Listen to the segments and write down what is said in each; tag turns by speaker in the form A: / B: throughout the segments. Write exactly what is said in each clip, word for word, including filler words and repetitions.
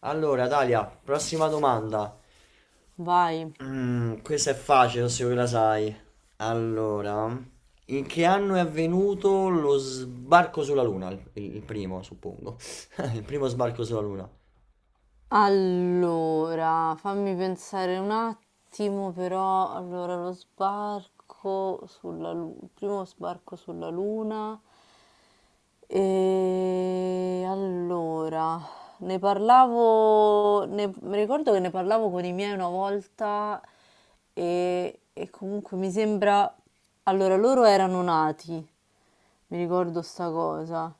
A: Allora, Dalia, prossima domanda.
B: Vai.
A: Mm, questa è facile, se la sai. Allora, in che anno è avvenuto lo sbarco sulla Luna? Il, il primo, suppongo. Il primo sbarco sulla Luna.
B: Allora, fammi pensare un attimo, però. Allora, lo sbarco sulla Luna, il primo sbarco sulla Luna. E allora, ne parlavo, ne- mi ricordo che ne parlavo con i miei una volta e, e comunque mi sembra, allora loro erano nati, mi ricordo sta cosa.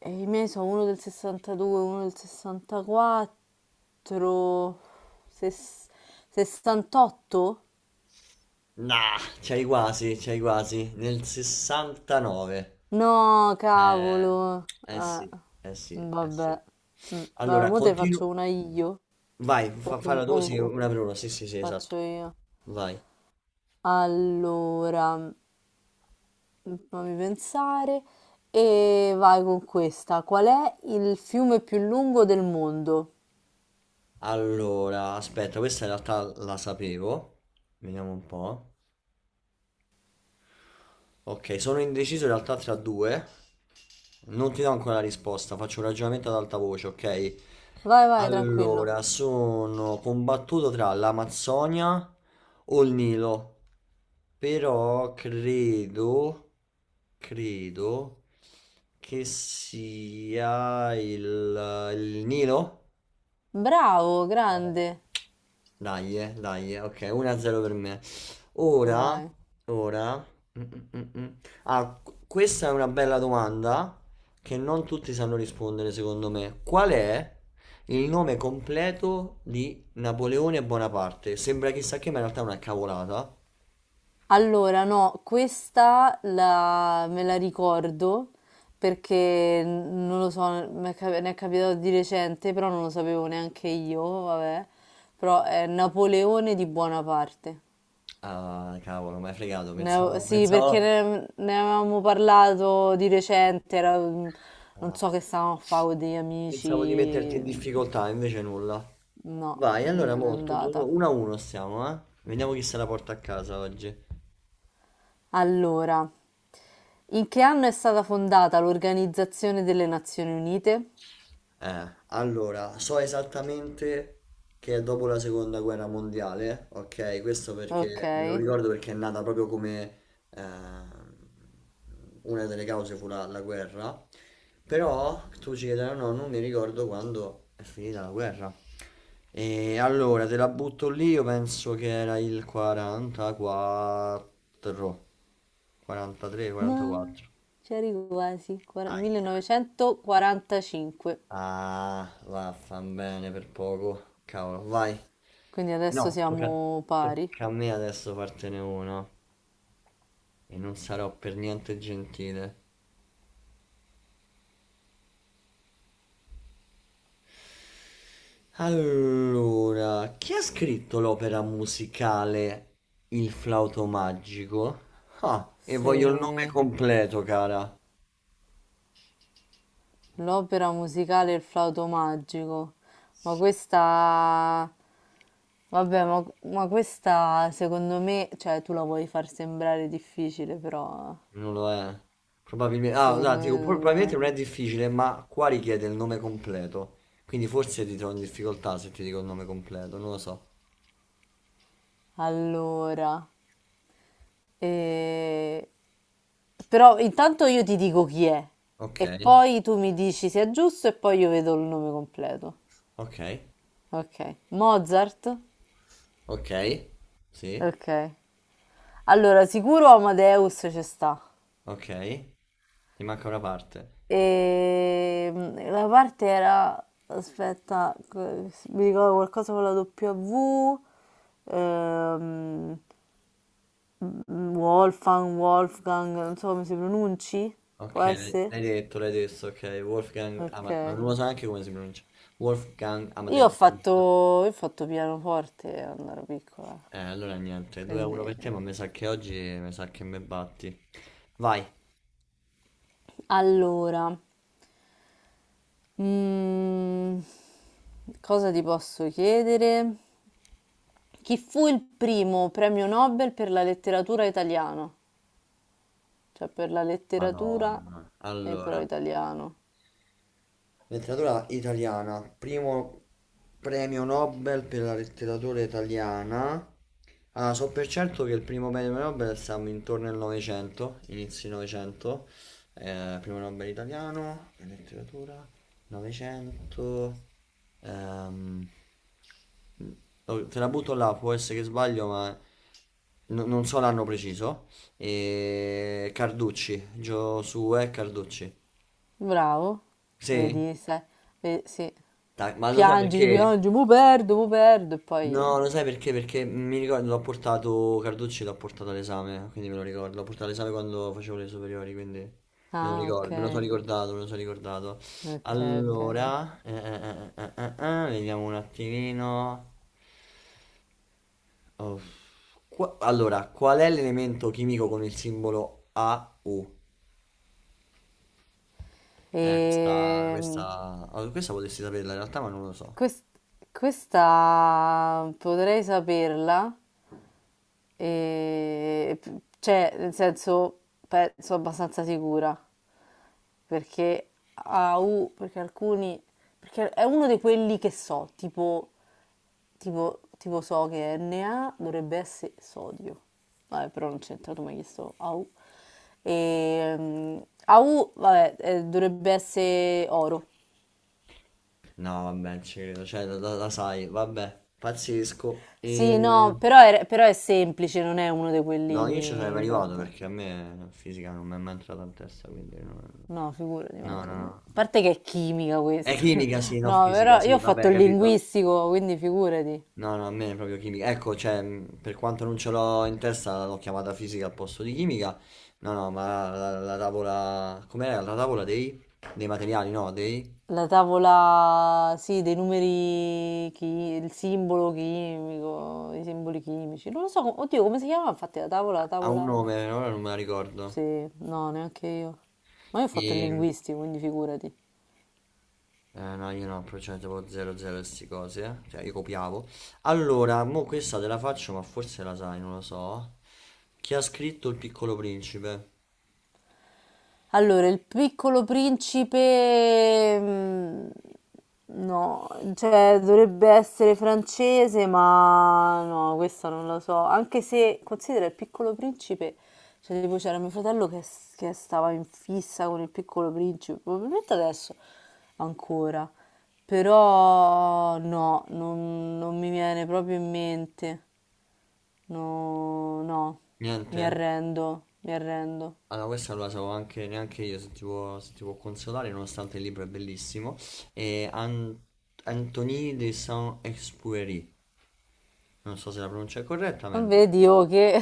B: E i miei sono uno del sessantadue, uno del sessantaquattro, ses- sessantotto?
A: Nah, c'hai quasi, c'hai quasi. Nel sessantanove.
B: No,
A: Eh,
B: cavolo.
A: Eh
B: Eh,
A: sì, eh sì. Eh sì.
B: vabbè. Mm, Vabbè,
A: Allora,
B: mo te faccio
A: continuo.
B: una io
A: Vai,
B: o,
A: fa-
B: com-
A: falla tu,
B: o-
A: sì,
B: o
A: una per una. Sì, sì, sì,
B: faccio
A: esatto.
B: io.
A: Vai.
B: Allora, mm, fammi pensare e vai con questa. Qual è il fiume più lungo del mondo?
A: Allora, aspetta, questa in realtà la sapevo. Vediamo un po'. Ok, sono indeciso in realtà tra due. Non ti do ancora la risposta, faccio un ragionamento ad alta voce, ok?
B: Vai, vai, tranquillo.
A: Allora, sono combattuto tra l'Amazzonia o il Nilo. Però credo, credo che sia il, il Nilo.
B: Bravo, grande.
A: Dai, eh, dai, eh, ok, uno a zero per me. Ora,
B: Vai.
A: ora... mm, mm, mm, mm. Ah, qu- questa è una bella domanda che non tutti sanno rispondere, secondo me. Qual è il nome completo di Napoleone Bonaparte? Sembra chissà che, ma in realtà è una cavolata.
B: Allora, no, questa la- me la ricordo perché n- non lo so, mi è cap- ne è capitato di recente, però non lo sapevo neanche io, vabbè. Però è Napoleone di Buonaparte.
A: Ah, cavolo, mi hai fregato,
B: Ne avevo-
A: pensavo,
B: sì, perché
A: pensavo,
B: ne, ne avevamo parlato di recente, era- mm, non
A: ah,
B: so che stavamo a fare con degli amici,
A: pensavo di metterti in difficoltà, invece nulla.
B: no,
A: Vai, allora
B: non è
A: molto,
B: andata.
A: uno a uno stiamo, eh? Vediamo chi se la porta a casa oggi.
B: Allora, in che anno è stata fondata l'Organizzazione delle Nazioni Unite?
A: Eh, allora, so esattamente che è dopo la seconda guerra mondiale, ok? Questo perché me lo
B: Okay.
A: ricordo perché è nata proprio come ehm, una delle cause fu la, la guerra. Però tu ci chiederai, no, non mi ricordo quando è finita la guerra. E allora te la butto lì, io penso che era il quarantaquattro, quarantatré,
B: No,
A: quarantaquattro.
B: c'eri quasi. Quara-
A: Ahia.
B: millenovecentoquarantacinque.
A: Ah, vaffanbene per poco. Cavolo, vai.
B: Quindi
A: Eh
B: adesso
A: no, tocca,
B: siamo pari.
A: tocca a me adesso fartene uno. E non sarò per niente gentile. Allora, chi ha scritto l'opera musicale Il flauto magico? Ah, e voglio il nome
B: Se
A: completo, cara.
B: l'opera musicale Il flauto magico. Ma questa vabbè, ma, ma questa secondo me, cioè tu la vuoi far sembrare difficile, però
A: Non lo è. Probabilmente, ah,
B: secondo
A: no, dico,
B: me
A: probabilmente
B: non-
A: non è difficile, ma qua richiede il nome completo. Quindi forse ti trovo in difficoltà se ti dico il nome completo, non lo so.
B: Allora, e però intanto io ti dico chi è
A: Ok,
B: e poi tu mi dici se è giusto e poi io vedo il nome completo.
A: ok,
B: Ok. Mozart?
A: ok, sì,
B: Ok. Allora, sicuro Amadeus ci sta.
A: ok, ti manca una parte.
B: E mm, la parte era... Aspetta, que- mi ricordo qualcosa con la W. Ehm, Wolfgang, Wolfgang, non so come si pronunci.
A: Ok,
B: Può
A: l'hai
B: essere?
A: l'hai detto, l'hai detto, ok, Wolfgang
B: Ok.
A: Amadeus, non lo so neanche come si pronuncia. Wolfgang
B: Io ho
A: Amadeus.
B: fatto, io ho fatto pianoforte quando ero piccola.
A: Eh, allora niente, 2 a
B: Quindi,
A: 1 per te, ma mi sa che oggi mi sa che me batti. Vai.
B: allora, mm, cosa ti posso chiedere? Chi fu il primo premio Nobel per la letteratura italiana? Cioè per la letteratura
A: Madonna.
B: e però
A: Allora,
B: italiano.
A: letteratura italiana, primo premio Nobel per la letteratura italiana. Ah, so per certo che il primo premio Nobel siamo intorno al Novecento, inizi Novecento. Eh, primo Nobel italiano, per letteratura, Novecento. Ehm, oh, te la butto là, può essere che sbaglio, ma no- non so l'anno preciso. E Carducci, Giosuè Carducci.
B: Bravo,
A: Sì?
B: vedi, sai, ve- sì.
A: Dai, ma lo sai
B: Piangi,
A: perché?
B: piangi, mo perdo, mo perdo e poi...
A: No, lo sai perché? Perché mi ricordo, l'ho portato, Carducci l'ho portato all'esame, quindi me lo ricordo. L'ho portato all'esame quando facevo le superiori, quindi me lo
B: Ah, ok,
A: ricordo, me lo sono ricordato, me lo sono ricordato.
B: ok, ok.
A: Allora, eh, eh, eh, eh, eh, eh, eh, vediamo un attimino. Oh, qua- allora, qual è l'elemento chimico con il simbolo A U?
B: E
A: Eh, questa, questa, oh, questa potresti saperla in realtà, ma non lo so.
B: questa potrei saperla e, cioè, nel senso, penso abbastanza sicura, perché a U, perché alcuni, perché è uno di quelli che so, tipo, tipo, tipo so che Na dovrebbe essere sodio. Vabbè, però non c'entra, tu mi hai chiesto A U. E, mm, A U, vabbè, eh, dovrebbe essere oro.
A: No, vabbè, non ci credo, cioè, la, la- la sai, vabbè, pazzesco.
B: Sì, no,
A: E...
B: però è, però è semplice, non è uno di
A: No, io ci sarei
B: quelli
A: arrivato
B: troppo.
A: perché a me la fisica non mi è mai entrata in testa, quindi non.
B: No, figurati,
A: No,
B: manca
A: no,
B: a me.
A: no.
B: A parte che è chimica
A: È
B: questa.
A: chimica, sì, no,
B: No,
A: fisica,
B: però io
A: sì,
B: ho fatto
A: vabbè,
B: il
A: capito.
B: linguistico, quindi figurati.
A: No, no, a me è proprio chimica. Ecco, cioè, mh, per quanto non ce l'ho in testa, l'ho chiamata fisica al posto di chimica. No, no, ma la, la- la tavola. Com'era? La tavola dei... dei materiali, no, dei.
B: La tavola, sì, dei numeri, chi- il simbolo chimico, i simboli chimici. Non lo so, com- oddio, come si chiamava? Infatti la tavola, la
A: Ha un
B: tavola...
A: nome, ora non me la
B: Sì,
A: ricordo.
B: no, neanche io. Ma io ho fatto il
A: E...
B: linguistico, quindi figurati.
A: Eh, no, io no, però c'era tipo zero zero e sti cose, eh. Cioè, io copiavo. Allora, mo questa te la faccio, ma forse la sai, non lo so. Chi ha scritto Il Piccolo Principe?
B: Allora, il piccolo principe, mm, no, cioè dovrebbe essere francese, ma no, questa non lo so. Anche se considera il piccolo principe, cioè tipo c'era mio fratello che, s- che stava in fissa con il piccolo principe, probabilmente adesso ancora, però no, non, non mi viene proprio in mente, no, no, mi
A: Niente?
B: arrendo, mi arrendo.
A: Allora, questa non la so anche, neanche io, se ti può, se ti può consolare, nonostante il libro è bellissimo. E An- Anthony de Saint-Exupéry. Non so se la pronuncia è corretta, ma è lui.
B: Vedi, oh, che,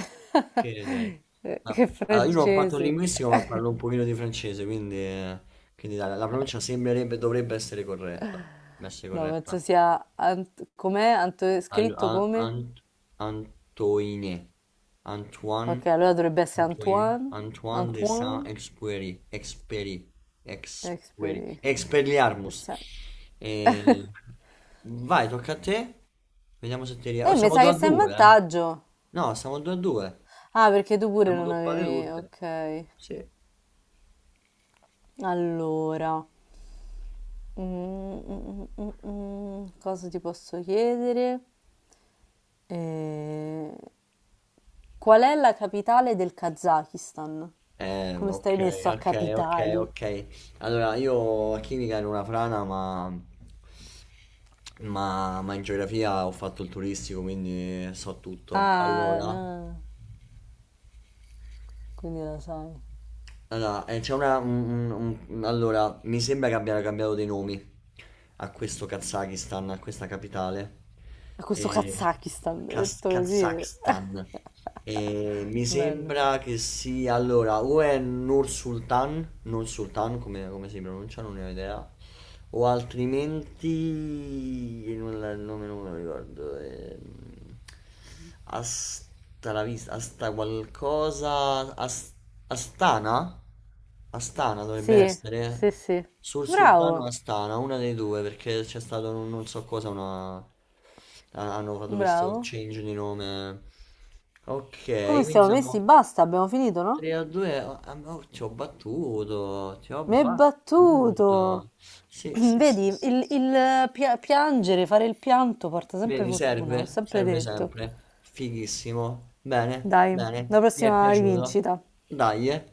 A: Che sei? Ma-
B: che
A: Allora, io non ho fatto il
B: francese.
A: linguistico, ma parlo un pochino di francese, quindi, eh, quindi la, la pronuncia sembrerebbe, dovrebbe essere corretta. Dovrebbe essere
B: No, penso
A: corretta.
B: sia... Ant- com'è? Anto-
A: Al-
B: scritto
A: a-
B: come?
A: Ant- Antoine. Antoine.
B: Ok, allora dovrebbe essere
A: Antoine.
B: Antoine.
A: Antoine de
B: Antoine
A: Saint-Exupéry. Exupéry. Exupéry.
B: Expedi.
A: Expelliarmus.
B: Sa-
A: Eh, vai, tocca a te. Vediamo se ti riesco. Oh,
B: eh, mi
A: siamo
B: sa
A: 2
B: che
A: a
B: sei in
A: 2, eh?
B: vantaggio.
A: No, siamo due a due.
B: Ah, perché tu pure
A: Siamo
B: non
A: doppate
B: avevi...
A: tutte.
B: Ok.
A: Sì.
B: Allora... Mm, mm, mm, mm, mm, cosa ti posso chiedere? Eh, Qual è la capitale del Kazakistan?
A: Eh,
B: Come
A: ok,
B: stai messo a
A: ok, ok,
B: capitali?
A: ok. Allora, io a chimica ero una frana, ma, ma, ma in geografia ho fatto il turistico, quindi so tutto.
B: Ah,
A: Allora,
B: no, quindi lo sai.
A: Allora, eh, c'è una. Un- un- un- allora, mi sembra che abbiano cambiato dei nomi a questo Kazakistan, a questa capitale.
B: A questo
A: E...
B: Kazakistan,
A: Kaz-
B: detto così,
A: Kazakhstan. E mi
B: bello.
A: sembra che sia. Allora, o è Nur Sultan, Nur Sultan, come, come si pronuncia, non ne ho idea, o altrimenti non la- il nome non me lo ricordo. Ehm, Asta la vista Asta qualcosa As- Astana, Astana dovrebbe
B: Sì,
A: essere, eh.
B: sì, sì.
A: Sul Sultano
B: Bravo,
A: Astana, una dei due, perché c'è stato, non, non so cosa, una ha- hanno fatto questo
B: bravo.
A: change di nome. Ok,
B: Come
A: quindi
B: stiamo
A: siamo
B: messi? Basta, abbiamo finito, no?
A: tre a due, amore, ci ho battuto, ci ho
B: Mi hai battuto.
A: battuto. Sì, sì, sì,
B: Vedi,
A: sì,
B: il,
A: sì.
B: il pia- piangere, fare il pianto porta sempre
A: Vedi,
B: fortuna,
A: serve,
B: l'ho sempre
A: serve
B: detto.
A: sempre. Fighissimo. Bene,
B: Dai, la
A: bene, mi è
B: prossima
A: piaciuto.
B: rivincita.
A: Dai, eh.